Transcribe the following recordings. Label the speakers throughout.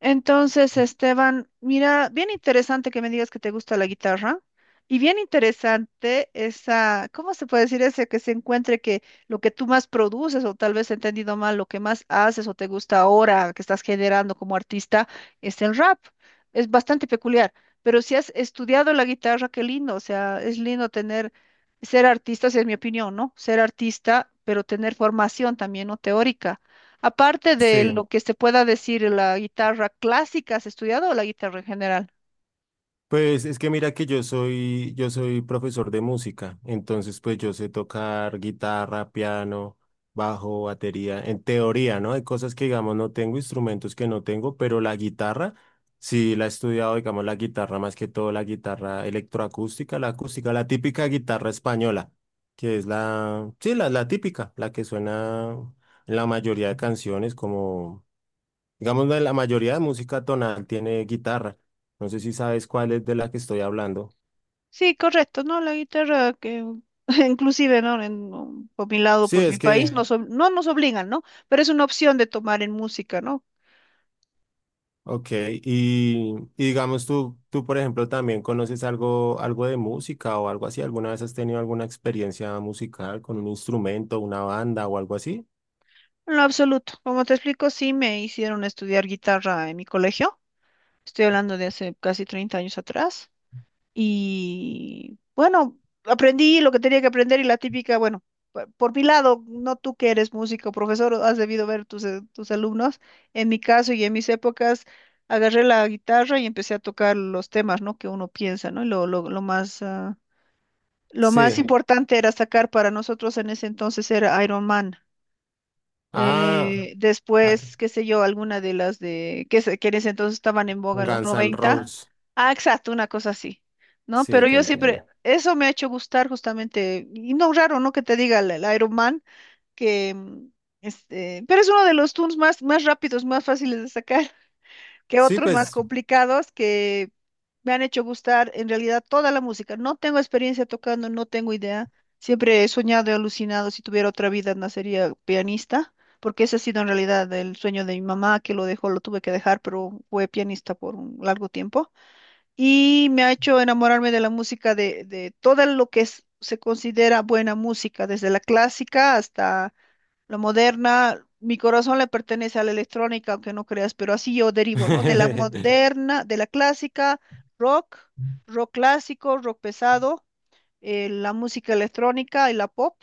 Speaker 1: Entonces, Esteban, mira, bien interesante que me digas que te gusta la guitarra y bien interesante esa, ¿cómo se puede decir ese que se encuentre que lo que tú más produces o tal vez he entendido mal, lo que más haces o te gusta ahora que estás generando como artista es el rap? Es bastante peculiar, pero si has estudiado la guitarra, qué lindo, o sea, es lindo tener, ser artista, esa es mi opinión, ¿no? Ser artista, pero tener formación también, ¿no? Teórica. Aparte de
Speaker 2: Sí,
Speaker 1: lo que se pueda decir, la guitarra clásica, ¿has estudiado o la guitarra en general?
Speaker 2: pues es que mira que yo soy profesor de música, entonces pues yo sé tocar guitarra, piano, bajo, batería, en teoría, ¿no? Hay cosas que digamos no tengo, instrumentos que no tengo, pero la guitarra, sí la he estudiado, digamos la guitarra más que todo, la guitarra electroacústica, la acústica, la típica guitarra española, que es la típica, la que suena en la mayoría de canciones como... Digamos, la mayoría de música tonal tiene guitarra. No sé si sabes cuál es de la que estoy hablando.
Speaker 1: Sí, correcto, ¿no? La guitarra que inclusive, ¿no? Por mi lado,
Speaker 2: Sí,
Speaker 1: por mi
Speaker 2: es
Speaker 1: país,
Speaker 2: que,
Speaker 1: no nos obligan, ¿no? Pero es una opción de tomar en música, ¿no?
Speaker 2: ok. Y digamos, tú, por ejemplo, también conoces algo, algo de música o algo así. ¿Alguna vez has tenido alguna experiencia musical con un instrumento, una banda o algo así?
Speaker 1: En lo absoluto. Como te explico, sí me hicieron estudiar guitarra en mi colegio. Estoy hablando de hace casi 30 años atrás. Y bueno, aprendí lo que tenía que aprender y la típica, bueno, por mi lado, no tú que eres músico, profesor, has debido ver tus alumnos. En mi caso y en mis épocas, agarré la guitarra y empecé a tocar los temas, ¿no? Que uno piensa, ¿no? Y lo más
Speaker 2: Sí.
Speaker 1: importante era sacar para nosotros en ese entonces era Iron Man.
Speaker 2: Ah, ah,
Speaker 1: Después, qué sé yo, alguna de las de que, que en ese entonces estaban en boga en los
Speaker 2: Guns N'
Speaker 1: noventa.
Speaker 2: Roses.
Speaker 1: Ah, exacto, una cosa así, ¿no?
Speaker 2: Sí,
Speaker 1: Pero
Speaker 2: te
Speaker 1: yo
Speaker 2: entiendo.
Speaker 1: siempre, eso me ha hecho gustar justamente, y no raro, ¿no? Que te diga el Iron Man, que este, pero es uno de los tunes más rápidos, más fáciles de sacar que
Speaker 2: Sí,
Speaker 1: otros más
Speaker 2: pues.
Speaker 1: complicados que me han hecho gustar en realidad toda la música. No tengo experiencia tocando, no tengo idea. Siempre he soñado y alucinado, si tuviera otra vida, nacería pianista, porque ese ha sido en realidad el sueño de mi mamá, que lo dejó, lo tuve que dejar, pero fue pianista por un largo tiempo. Y me ha hecho enamorarme de la música, de todo lo que se considera buena música, desde la clásica hasta lo moderna, mi corazón le pertenece a la electrónica, aunque no creas, pero así yo derivo, ¿no? De la Ujú. Moderna, de la clásica, rock, rock clásico, rock pesado, la música electrónica y la pop.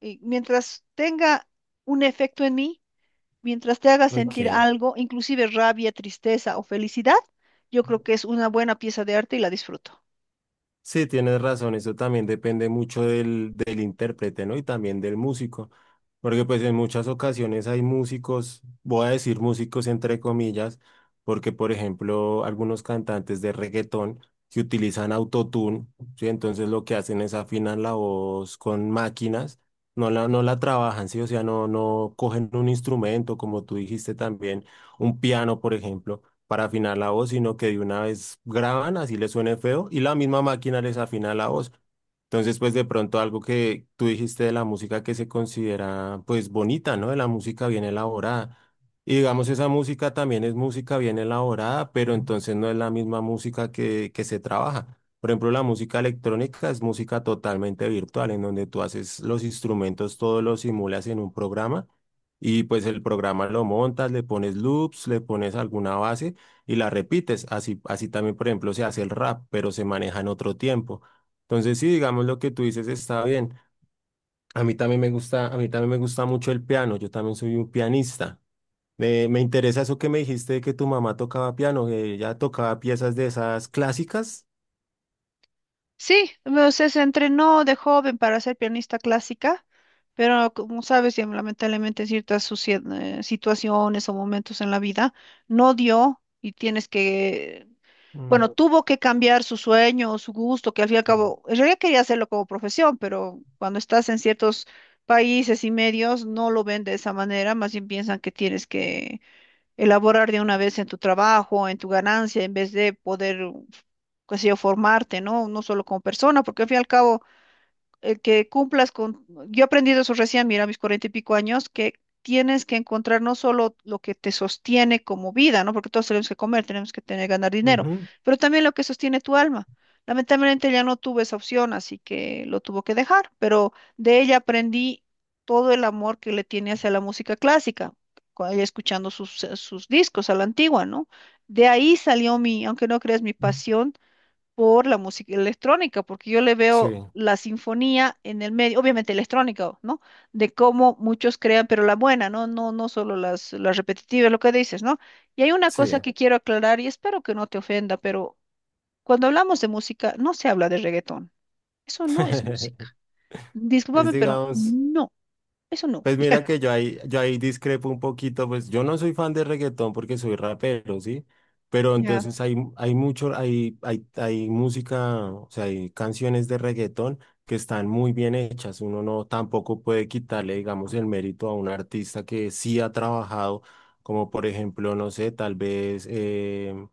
Speaker 1: Y mientras tenga un efecto en mí, mientras te haga sentir
Speaker 2: Ok.
Speaker 1: algo, inclusive rabia, tristeza o felicidad, yo creo que es una buena pieza de arte y la disfruto.
Speaker 2: Sí, tienes razón, eso también depende mucho del intérprete, ¿no? Y también del músico, porque pues en muchas ocasiones hay músicos, voy a decir músicos entre comillas, porque por ejemplo algunos cantantes de reggaetón que utilizan autotune, ¿sí? Entonces lo que hacen es afinan la voz con máquinas, no la trabajan, ¿sí? O sea, no cogen un instrumento, como tú dijiste también, un piano, por ejemplo para afinar la voz, sino que de una vez graban, así les suene feo, y la misma máquina les afina la voz. Entonces, pues de pronto algo que tú dijiste de la música que se considera pues bonita, ¿no? De la música bien elaborada. Y digamos, esa música también es música bien elaborada, pero entonces no es la misma música que se trabaja. Por ejemplo, la música electrónica es música totalmente virtual, en donde tú haces los instrumentos, todos los simulas en un programa y pues el programa lo montas, le pones loops, le pones alguna base y la repites. Así, así también, por ejemplo, se hace el rap, pero se maneja en otro tiempo. Entonces, sí, digamos lo que tú dices está bien. A mí también me gusta, a mí también me gusta mucho el piano. Yo también soy un pianista. Me interesa eso que me dijiste de que tu mamá tocaba piano, que ella tocaba piezas de esas clásicas.
Speaker 1: Sí, o sea, se entrenó de joven para ser pianista clásica, pero como sabes, ya lamentablemente en ciertas situaciones o momentos en la vida no dio y tienes que,
Speaker 2: Mm,
Speaker 1: bueno, tuvo que cambiar su sueño, su gusto, que al fin y al
Speaker 2: mm,
Speaker 1: cabo, en realidad quería hacerlo como profesión, pero cuando estás en ciertos países y medios no lo ven de esa manera, más bien piensan que tienes que elaborar de una vez en tu trabajo, en tu ganancia, en vez de poder, qué sé yo, formarte, ¿no? No solo como persona, porque al fin y al cabo el que cumplas con, yo he aprendido eso recién, mira, a mis cuarenta y pico años, que tienes que encontrar no solo lo que te sostiene como vida, ¿no? Porque todos tenemos que comer, tenemos que tener, ganar dinero,
Speaker 2: ujú.
Speaker 1: pero también lo que sostiene tu alma. Lamentablemente ya no tuve esa opción, así que lo tuvo que dejar, pero de ella aprendí todo el amor que le tiene hacia la música clásica, con ella escuchando sus discos a la antigua, ¿no? De ahí salió mi, aunque no creas, mi pasión por la música electrónica, porque yo le
Speaker 2: Sí,
Speaker 1: veo la sinfonía en el medio, obviamente electrónica, ¿no? De cómo muchos crean, pero la buena, ¿no? No, no solo las repetitivas, lo que dices, ¿no? Y hay una cosa
Speaker 2: sí.
Speaker 1: que quiero aclarar y espero que no te ofenda, pero cuando hablamos de música, no se habla de reggaetón. Eso no es música.
Speaker 2: Es,
Speaker 1: Discúlpame, pero
Speaker 2: digamos.
Speaker 1: no, eso no.
Speaker 2: Pues mira que yo ahí discrepo un poquito, pues yo no soy fan de reggaetón porque soy rapero, ¿sí? Pero
Speaker 1: Ya.
Speaker 2: entonces hay música, o sea, hay canciones de reggaetón que están muy bien hechas. Uno no tampoco puede quitarle, digamos, el mérito a un artista que sí ha trabajado, como por ejemplo, no sé, tal vez eh,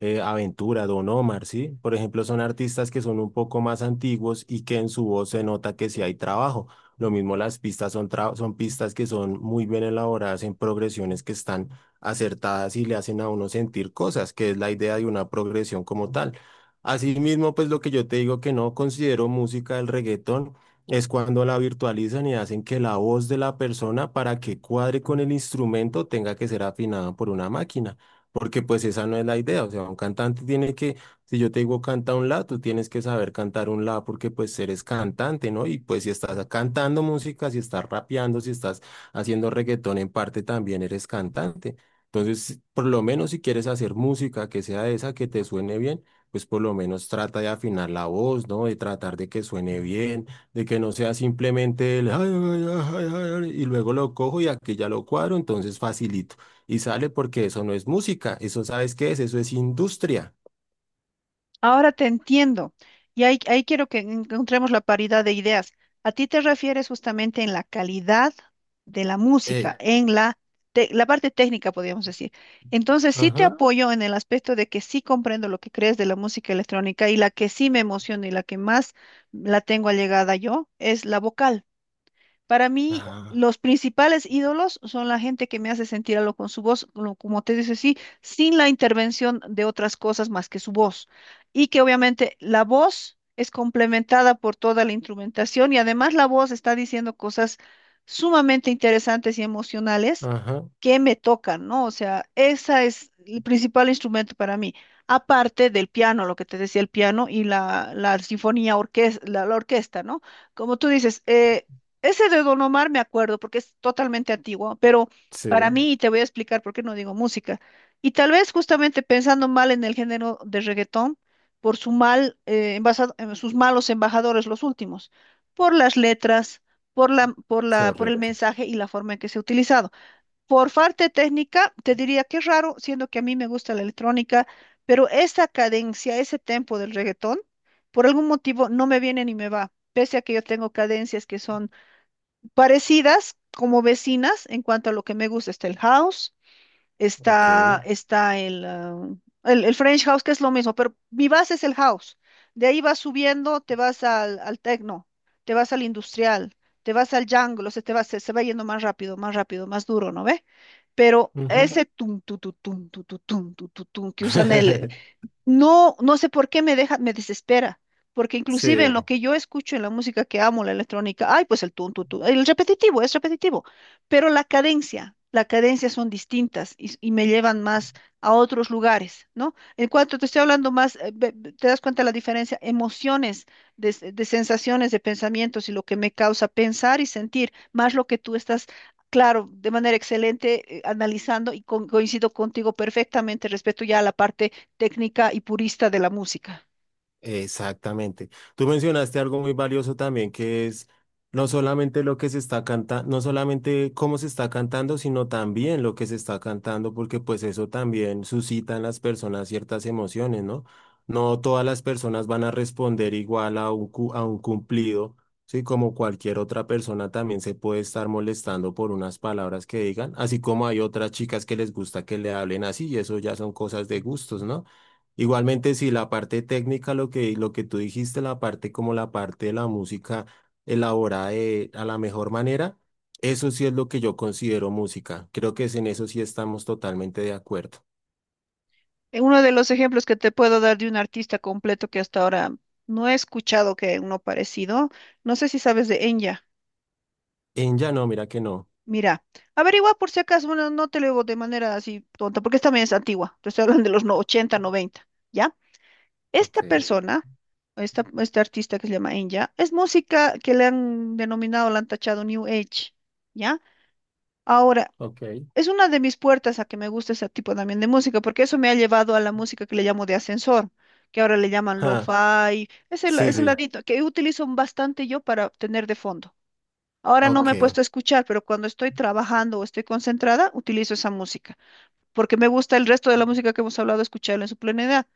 Speaker 2: eh, Aventura, Don Omar, ¿sí? Por ejemplo, son artistas que son un poco más antiguos y que en su voz se nota que sí hay trabajo. Lo mismo las pistas son, son pistas que son muy bien elaboradas en progresiones que están acertadas y le hacen a uno sentir cosas, que es la idea de una progresión como tal. Asimismo, pues lo que yo te digo que no considero música del reggaetón es cuando la virtualizan y hacen que la voz de la persona para que cuadre con el instrumento tenga que ser afinada por una máquina porque pues esa no es la idea, o sea, un cantante tiene que, si yo te digo canta un la, tú tienes que saber cantar un la porque pues eres cantante, ¿no? Y pues si estás cantando música, si estás rapeando, si estás haciendo reggaetón en parte también eres cantante. Entonces, por lo menos si quieres hacer música que sea esa, que te suene bien, pues por lo menos trata de afinar la voz, ¿no? De tratar de que suene bien, de que no sea simplemente el "ay, ay, ay, ay, ay", y luego lo cojo y aquí ya lo cuadro, entonces facilito y sale porque eso no es música, eso sabes qué es, eso es industria.
Speaker 1: Ahora te entiendo. Y ahí quiero que encontremos la paridad de ideas. A ti te refieres justamente en la calidad de la
Speaker 2: Eh,
Speaker 1: música, en la parte técnica, podríamos decir. Entonces, sí te Ujú.
Speaker 2: ajá,
Speaker 1: Apoyo en el aspecto de que sí comprendo lo que crees de la música electrónica y la que sí me emociona y la que más la tengo allegada yo es la vocal. Para mí,
Speaker 2: ajá,
Speaker 1: los principales ídolos son la gente que me hace sentir algo con su voz, como te dice, sí, sin la intervención de otras cosas más que su voz. Y que obviamente la voz es complementada por toda la instrumentación y además la voz está diciendo cosas sumamente interesantes y emocionales
Speaker 2: ajá,
Speaker 1: que me tocan, ¿no? O sea, esa es el principal instrumento para mí, aparte del piano, lo que te decía el piano y la sinfonía, la orquesta, ¿no? Como tú dices, ese de Don Omar me acuerdo porque es totalmente antiguo, pero
Speaker 2: sí,
Speaker 1: para mí, y te voy a explicar por qué no digo música, y tal vez justamente pensando mal en el género de reggaetón, por su mal, sus malos embajadores los últimos, por las letras, por el
Speaker 2: correcto,
Speaker 1: mensaje y la forma en que se ha utilizado. Por parte técnica, te diría que es raro, siendo que a mí me gusta la electrónica, pero esa cadencia, ese tempo del reggaetón, por algún motivo no me viene ni me va, pese a que yo tengo cadencias que son parecidas como vecinas en cuanto a lo que me gusta. Está el house,
Speaker 2: ok.
Speaker 1: está el French house, que es lo mismo, pero mi base es el house. De ahí vas subiendo, te vas al techno, te vas al industrial, te vas al jungle, o sea, te vas, se va yendo más rápido, más rápido, más duro, ¿no ve? Pero
Speaker 2: Ujú.
Speaker 1: ese tum, tu, tum, tu, tum, tu, tum, que usan el, no, no sé por qué me deja, me desespera, porque inclusive
Speaker 2: Sí,
Speaker 1: en lo que yo escucho en la música que amo, la electrónica, ay, pues el tun, tun, tun, el repetitivo, es repetitivo, pero la cadencia son distintas y me llevan más a otros lugares, ¿no? En cuanto te estoy hablando más, te das cuenta la diferencia, emociones, de sensaciones, de pensamientos y lo que me causa pensar y sentir, más lo que tú estás, claro, de manera excelente, analizando y coincido contigo perfectamente respecto ya a la parte técnica y purista de la música.
Speaker 2: exactamente. Tú mencionaste algo muy valioso también, que es no solamente lo que se está cantando, no solamente cómo se está cantando, sino también lo que se está cantando, porque pues eso también suscita en las personas ciertas emociones, ¿no? No todas las personas van a responder igual a un, a un cumplido, ¿sí? Como cualquier otra persona también se puede estar molestando por unas palabras que digan, así como hay otras chicas que les gusta que le hablen así, y eso ya son cosas de gustos, ¿no? Igualmente, si la parte técnica, lo que tú dijiste, la parte como la parte de la música elaborada a la mejor manera, eso sí es lo que yo considero música. Creo que es en eso sí estamos totalmente de acuerdo.
Speaker 1: Uno de los ejemplos que te puedo dar de un artista completo que hasta ahora no he escuchado que uno parecido, no sé si sabes de Enya.
Speaker 2: En ya no, mira que no.
Speaker 1: Mira, averigua por si acaso, bueno, no te lo digo de manera así tonta, porque esta también es antigua, te estoy hablando de los 80, 90, ¿ya?
Speaker 2: Ok,
Speaker 1: Esta persona, esta, este artista que se llama Enya, es música que le han denominado, la han tachado New Age, ¿ya? Ahora,
Speaker 2: ok,
Speaker 1: es una de mis puertas a que me gusta ese tipo también de música, porque eso me ha llevado a la música que le llamo de ascensor, que ahora le llaman
Speaker 2: ah,
Speaker 1: lo-fi, ese el,
Speaker 2: sí,
Speaker 1: es
Speaker 2: sí.
Speaker 1: ladito que utilizo bastante yo para tener de fondo. Ahora no me he
Speaker 2: Ok.
Speaker 1: puesto a escuchar, pero cuando estoy trabajando o estoy concentrada, utilizo esa música porque me gusta el resto de la música que hemos hablado, escucharla en su plenidad.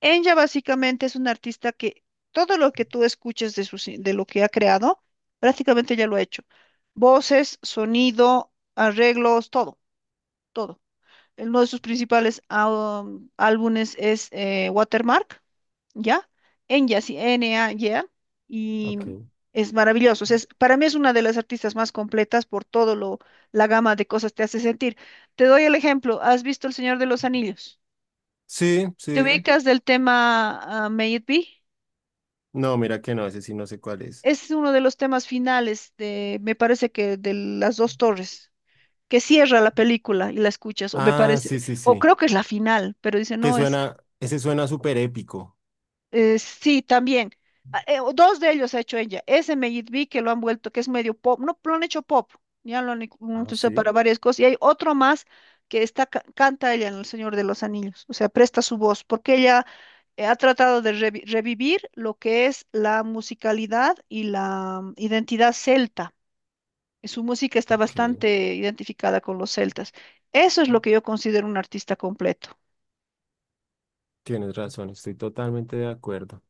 Speaker 1: Enya básicamente es una artista que todo lo que tú escuches de, de lo que ha creado, prácticamente ya lo ha hecho. Voces, sonido, arreglos, todo, todo. Uno de sus principales álbumes es Watermark. ¿Ya? Enya, así, N-A-Y-A, y A, Yeah, y
Speaker 2: Ok.
Speaker 1: es maravilloso. O sea, para mí es una de las artistas más completas por todo lo, la gama de cosas te hace sentir. Te doy el ejemplo, ¿has visto El Señor de los Anillos?
Speaker 2: Sí,
Speaker 1: ¿Te
Speaker 2: sí.
Speaker 1: ubicas del tema May It Be?
Speaker 2: No, mira que no, ese sí no sé cuál es.
Speaker 1: Es uno de los temas finales de, me parece que de las dos torres, que cierra la película y la escuchas, o me
Speaker 2: Ah,
Speaker 1: parece,
Speaker 2: sí, sí,
Speaker 1: o
Speaker 2: sí.
Speaker 1: creo que es la final, pero dice,
Speaker 2: Que
Speaker 1: no, es
Speaker 2: suena, ese suena súper épico.
Speaker 1: Sí, también. Ah, o dos de ellos ha hecho ella. Ese Meyit Bey que lo han vuelto, que es medio pop. No, lo han hecho pop. Ya lo han lo han
Speaker 2: Ah,
Speaker 1: utilizado
Speaker 2: sí,
Speaker 1: para varias cosas. Y hay otro más que está, canta ella en El Señor de los Anillos. O sea, presta su voz, porque ella ha tratado de revivir lo que es la musicalidad y la identidad celta. Y su música está
Speaker 2: ok.
Speaker 1: bastante identificada con los celtas. Eso es lo que yo considero un artista completo.
Speaker 2: Tienes razón, estoy totalmente de acuerdo.